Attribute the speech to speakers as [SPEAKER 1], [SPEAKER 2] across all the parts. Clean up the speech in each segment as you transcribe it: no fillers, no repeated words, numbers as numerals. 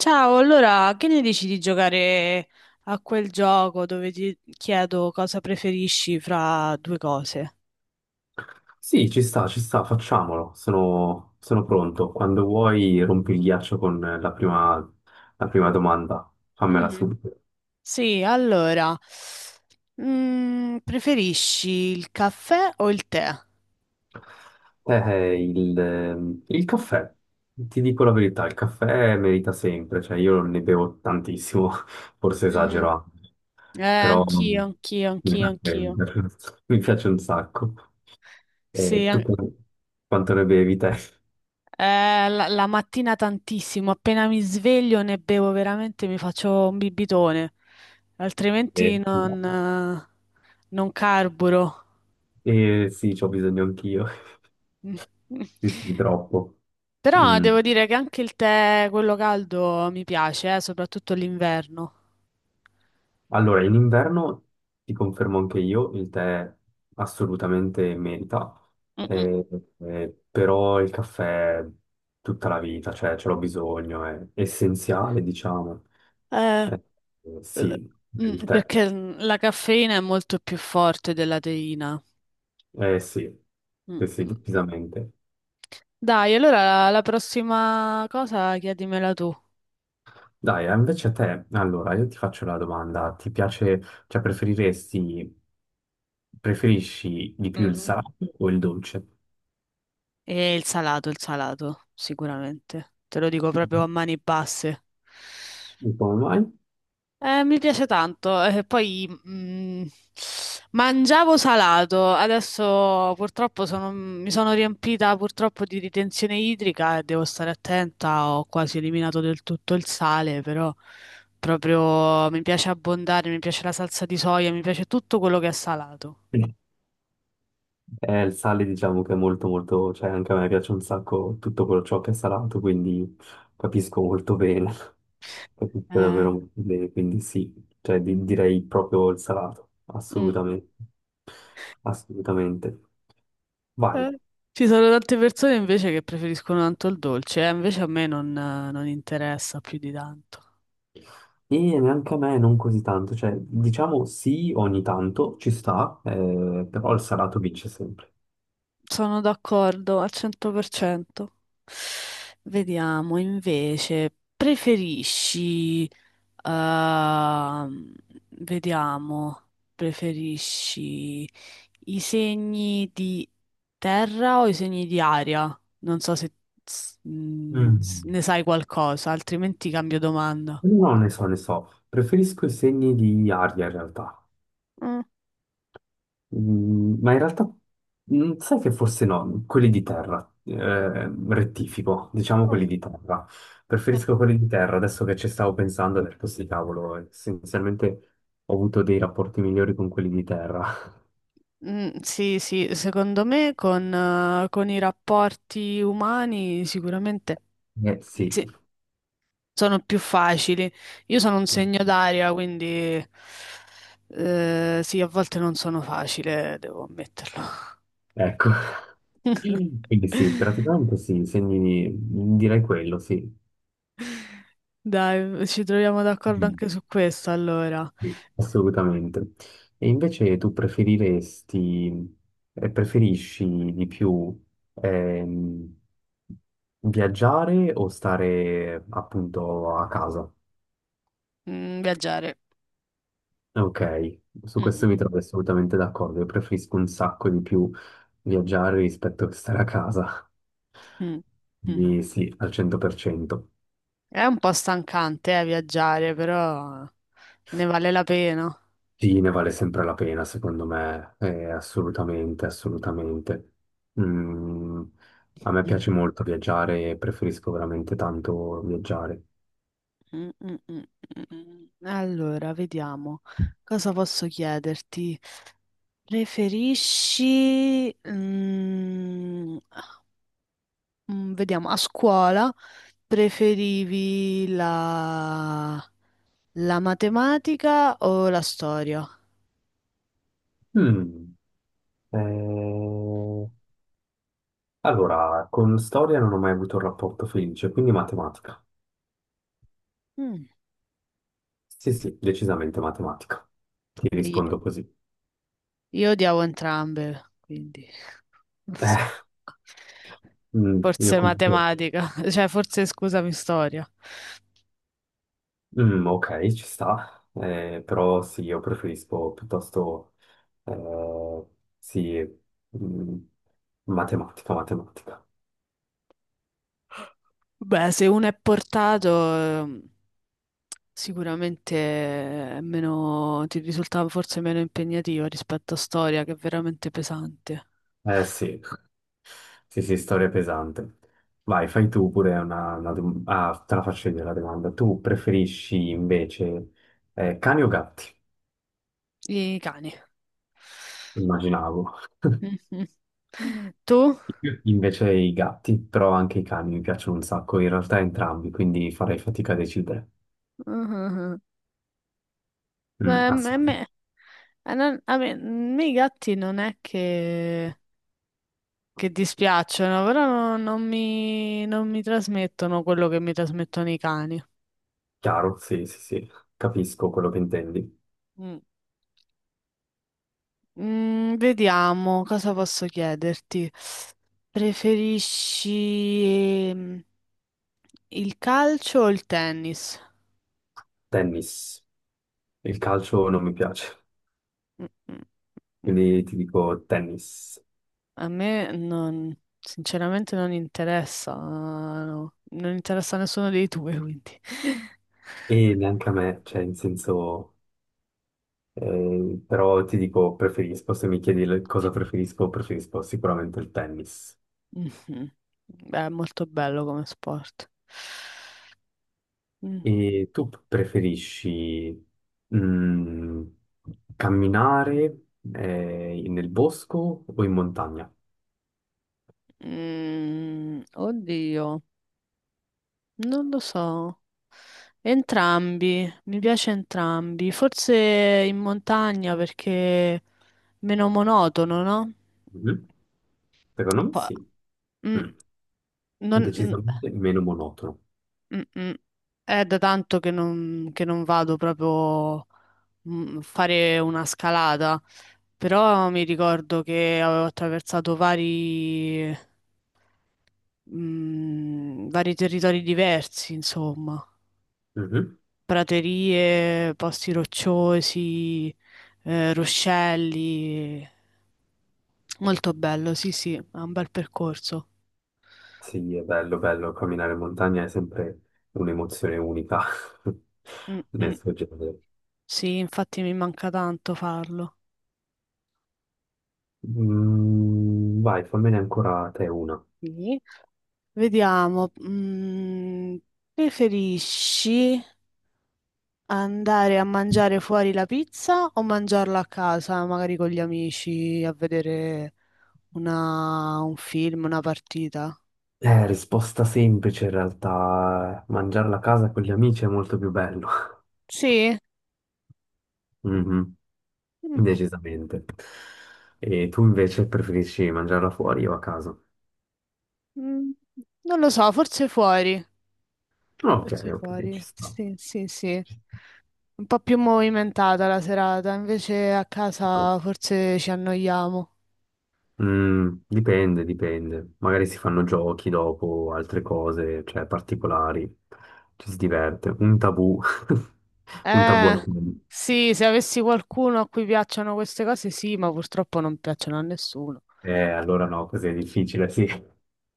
[SPEAKER 1] Ciao, allora che ne dici di giocare a quel gioco dove ti chiedo cosa preferisci fra due cose?
[SPEAKER 2] Sì, ci sta, facciamolo. Sono pronto. Quando vuoi rompi il ghiaccio con la prima domanda. Fammela
[SPEAKER 1] Mhm.
[SPEAKER 2] subito.
[SPEAKER 1] Sì, allora, preferisci il caffè o il tè?
[SPEAKER 2] Eh, il caffè. Ti dico la verità, il caffè merita sempre, cioè io ne bevo tantissimo, forse esagero
[SPEAKER 1] Mhm.
[SPEAKER 2] anche, però mm,
[SPEAKER 1] Anch'io, anch'io,
[SPEAKER 2] mi
[SPEAKER 1] anch'io,
[SPEAKER 2] piace,
[SPEAKER 1] anch'io.
[SPEAKER 2] mi piace un sacco.
[SPEAKER 1] Sì,
[SPEAKER 2] Tu
[SPEAKER 1] an-
[SPEAKER 2] quanto ne bevi te?
[SPEAKER 1] la mattina tantissimo, appena mi sveglio ne bevo veramente, mi faccio un bibitone, altrimenti
[SPEAKER 2] Eh,
[SPEAKER 1] non carburo.
[SPEAKER 2] Sì, c'ho bisogno anch'io. Sì, sì, troppo.
[SPEAKER 1] Però
[SPEAKER 2] Mm.
[SPEAKER 1] devo dire che anche il tè, quello caldo, mi piace, soprattutto l'inverno.
[SPEAKER 2] Allora, in inverno ti confermo anche io, il tè assolutamente merita,
[SPEAKER 1] Mm-mm.
[SPEAKER 2] eh, però il caffè tutta la vita, cioè ce l'ho bisogno, è essenziale, diciamo.
[SPEAKER 1] Eh,
[SPEAKER 2] Eh,
[SPEAKER 1] l-
[SPEAKER 2] sì, il tè,
[SPEAKER 1] perché la caffeina è molto più forte della teina.
[SPEAKER 2] eh sì, sì, sì,
[SPEAKER 1] Mm-mm.
[SPEAKER 2] decisamente.
[SPEAKER 1] Dai, allora la prossima cosa chiedimela tu.
[SPEAKER 2] Dai, invece a te, allora, io ti faccio la domanda, ti piace, cioè preferiresti, preferisci di più il
[SPEAKER 1] Mhm.
[SPEAKER 2] salato o il dolce?
[SPEAKER 1] E il salato, sicuramente. Te lo dico proprio a mani basse.
[SPEAKER 2] E come mai?
[SPEAKER 1] Mi piace tanto, poi mangiavo salato, adesso mi sono riempita purtroppo di ritenzione idrica e devo stare attenta, ho quasi eliminato del tutto il sale, però proprio mi piace abbondare, mi piace la salsa di soia, mi piace tutto quello che è salato.
[SPEAKER 2] Sì. Il sale diciamo che è molto molto, cioè anche a me piace un sacco tutto quello ciò che è salato, quindi capisco molto bene, capisco
[SPEAKER 1] Eh,
[SPEAKER 2] davvero molto bene, quindi sì, cioè direi proprio il salato,
[SPEAKER 1] mm,
[SPEAKER 2] assolutamente, assolutamente. Vai,
[SPEAKER 1] eh, Ci sono tante persone invece che preferiscono tanto il dolce, invece a me non interessa più di tanto.
[SPEAKER 2] e neanche a me non così tanto, cioè diciamo sì ogni tanto ci sta, però il salato vince sempre.
[SPEAKER 1] Sono d'accordo al 100%. Vediamo invece, ehm, vediamo, preferisci i segni di terra o i segni di aria? Non so se
[SPEAKER 2] Mm.
[SPEAKER 1] ne sai qualcosa, altrimenti cambio domanda.
[SPEAKER 2] No, ne so, ne so, preferisco i segni di aria in realtà.
[SPEAKER 1] Mm,
[SPEAKER 2] Mm, ma in realtà sai che forse no, quelli di terra, rettifico, diciamo
[SPEAKER 1] mm,
[SPEAKER 2] quelli di terra. Preferisco quelli di terra, adesso che ci stavo pensando, ho detto sì, cavolo, essenzialmente ho avuto dei rapporti migliori con quelli di terra.
[SPEAKER 1] mm, sì, sì, secondo me con i rapporti umani sicuramente.
[SPEAKER 2] Eh sì,
[SPEAKER 1] Sì, sono più facili. Io sono un segno d'aria, quindi sì, a volte non sono facile, devo ammetterlo.
[SPEAKER 2] ecco, quindi sì, praticamente sì, segni, direi quello, sì.
[SPEAKER 1] Dai, ci troviamo d'accordo
[SPEAKER 2] Mm.
[SPEAKER 1] anche su questo, allora.
[SPEAKER 2] Sì, assolutamente. E invece tu preferiresti, preferisci di più ehm, viaggiare o stare appunto a casa?
[SPEAKER 1] Mm, viaggiare.
[SPEAKER 2] Ok, su
[SPEAKER 1] Mm,
[SPEAKER 2] questo mi
[SPEAKER 1] mm,
[SPEAKER 2] trovo assolutamente d'accordo. Io preferisco un sacco di più viaggiare rispetto che stare a casa.
[SPEAKER 1] mm, mm, mm.
[SPEAKER 2] Quindi sì, al 100%.
[SPEAKER 1] È un po' stancante, viaggiare, però ne vale la pena.
[SPEAKER 2] Sì, ne vale sempre la pena, secondo me, assolutamente, assolutamente. Mm, a me
[SPEAKER 1] Mm,
[SPEAKER 2] piace molto viaggiare e preferisco veramente tanto viaggiare.
[SPEAKER 1] mm, mm, mm, mm, mm. Allora, vediamo. Cosa posso chiederti? Preferisci, mm, mm, vediamo, a scuola preferivi la matematica o la storia?
[SPEAKER 2] Mm, eh, allora, con storia non ho mai avuto un rapporto felice, quindi matematica.
[SPEAKER 1] Mm,
[SPEAKER 2] Sì, sì, decisamente matematica. Ti
[SPEAKER 1] i-
[SPEAKER 2] rispondo così.
[SPEAKER 1] Io odiavo entrambe, quindi non so.
[SPEAKER 2] Io
[SPEAKER 1] Forse
[SPEAKER 2] comunque.
[SPEAKER 1] matematica, cioè forse scusami, storia.
[SPEAKER 2] Mm, ok, ci sta. Però sì, io preferisco piuttosto, eh, sì, mm, matematica, matematica.
[SPEAKER 1] Beh, se uno è portato, eh, sicuramente è meno, ti risultava forse meno impegnativo rispetto a storia, che è veramente pesante.
[SPEAKER 2] Eh sì, sì, sì, storia pesante. Vai, fai tu pure una ah, te la faccio io la domanda. Tu preferisci invece cani o gatti?
[SPEAKER 1] I cani.
[SPEAKER 2] Immaginavo.
[SPEAKER 1] Mhm. Tu?
[SPEAKER 2] Io invece i gatti, però anche i cani mi piacciono un sacco, in realtà entrambi, quindi farei fatica a decidere.
[SPEAKER 1] Mhm.
[SPEAKER 2] Mm,
[SPEAKER 1] Beh,
[SPEAKER 2] assolutamente.
[SPEAKER 1] a me i gatti non è che dispiacciono, però non mi trasmettono quello che mi trasmettono i cani.
[SPEAKER 2] Chiaro, sì, sì, sì, capisco quello che intendi.
[SPEAKER 1] Mm. Mm, vediamo cosa posso chiederti. Preferisci ehm, il calcio o il tennis?
[SPEAKER 2] Tennis. Il calcio non mi piace,
[SPEAKER 1] Mm, mm, mm.
[SPEAKER 2] quindi ti dico tennis.
[SPEAKER 1] A me non, sinceramente non interessa, no. Non interessa a nessuno dei due, quindi.
[SPEAKER 2] E neanche a me, cioè, in senso, però ti dico preferisco, se mi chiedi cosa preferisco, preferisco sicuramente il tennis.
[SPEAKER 1] Mhm. Beh, è molto bello come sport. Mm.
[SPEAKER 2] E tu preferisci mm, camminare nel bosco o in montagna?
[SPEAKER 1] Mm, oddio. Non lo so. Entrambi, mi piace entrambi. Forse in montagna perché è meno monotono, no?
[SPEAKER 2] Mhm. Secondo me
[SPEAKER 1] Po-
[SPEAKER 2] sì.
[SPEAKER 1] mm,
[SPEAKER 2] Mm.
[SPEAKER 1] non- mm,
[SPEAKER 2] Decisamente meno monotono.
[SPEAKER 1] mm. È da tanto che non vado proprio a fare una scalata, però mi ricordo che avevo attraversato vari territori diversi, insomma.
[SPEAKER 2] Mhm.
[SPEAKER 1] Praterie, posti rocciosi, ruscelli. Molto bello, sì, sì, è un bel percorso.
[SPEAKER 2] Sì, è bello, bello, camminare in montagna è sempre un'emozione unica
[SPEAKER 1] Mm,
[SPEAKER 2] nel
[SPEAKER 1] mm.
[SPEAKER 2] suo genere.
[SPEAKER 1] Sì, infatti mi manca tanto farlo.
[SPEAKER 2] Mm, vai, fammene ancora te una.
[SPEAKER 1] Sì. Vediamo, preferisci andare a mangiare fuori la pizza o mangiarla a casa, magari con gli amici, a vedere un film, una partita?
[SPEAKER 2] Risposta semplice in realtà, mangiarla a casa con gli amici è molto più bello.
[SPEAKER 1] Sì,
[SPEAKER 2] Mhm,
[SPEAKER 1] Mm,
[SPEAKER 2] decisamente. E tu invece preferisci mangiarla fuori o a casa?
[SPEAKER 1] mm, non lo so, forse fuori.
[SPEAKER 2] Ok,
[SPEAKER 1] Forse
[SPEAKER 2] ok, ci
[SPEAKER 1] fuori,
[SPEAKER 2] sta.
[SPEAKER 1] sì, sì, sì. Un po' più movimentata la serata, invece a casa forse ci annoiamo.
[SPEAKER 2] Mm, dipende, dipende. Magari si fanno giochi dopo, altre cose, cioè particolari. Ci si diverte. Un tabù. Un tabù al
[SPEAKER 1] Eh,
[SPEAKER 2] mondo.
[SPEAKER 1] sì, se avessi qualcuno a cui piacciono queste cose, sì, ma purtroppo non piacciono a nessuno.
[SPEAKER 2] Allora no, così è difficile, sì.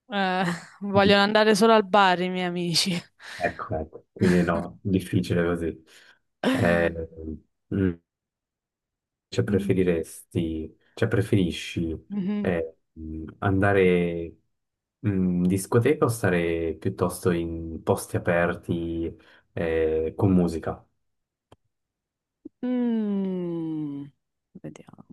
[SPEAKER 1] Eh, vogliono andare solo al bar i miei amici.
[SPEAKER 2] Ecco, ecco. Quindi no, difficile così. Eh, mm, cioè
[SPEAKER 1] Mm,
[SPEAKER 2] preferiresti, cioè preferisci
[SPEAKER 1] mhm.
[SPEAKER 2] eh, andare in discoteca o stare piuttosto in posti aperti con musica?
[SPEAKER 1] Mm, vediamo.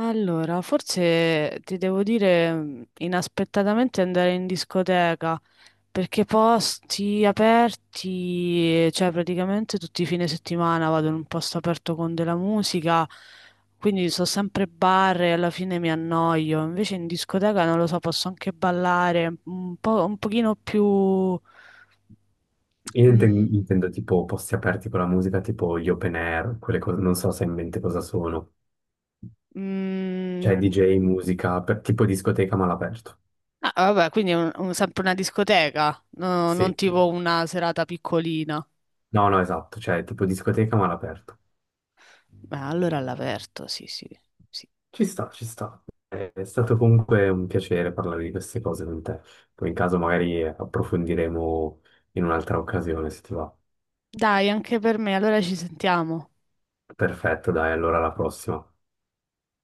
[SPEAKER 1] Allora, forse ti devo dire inaspettatamente andare in discoteca. Perché posti aperti, cioè praticamente tutti i fine settimana vado in un posto aperto con della musica, quindi so sempre bar e alla fine mi annoio. Invece in discoteca non lo so, posso anche ballare un po', un pochino più...
[SPEAKER 2] Io
[SPEAKER 1] mm,
[SPEAKER 2] intendo tipo posti aperti con la musica, tipo gli open air, quelle cose, non so se hai in mente cosa sono. Cioè
[SPEAKER 1] mm,
[SPEAKER 2] DJ, musica, tipo discoteca ma all'aperto.
[SPEAKER 1] ah, vabbè, quindi è sempre una discoteca, non
[SPEAKER 2] Sì.
[SPEAKER 1] tipo una serata piccolina.
[SPEAKER 2] No, no, esatto, cioè tipo discoteca ma all'aperto.
[SPEAKER 1] Beh, allora all'aperto, sì, sì, sì.
[SPEAKER 2] Ci sta, ci sta. È stato comunque un piacere parlare di queste cose con te. Poi in caso magari approfondiremo in un'altra occasione, se ti va.
[SPEAKER 1] Dai, anche per me, allora ci sentiamo.
[SPEAKER 2] Perfetto, dai, allora alla prossima.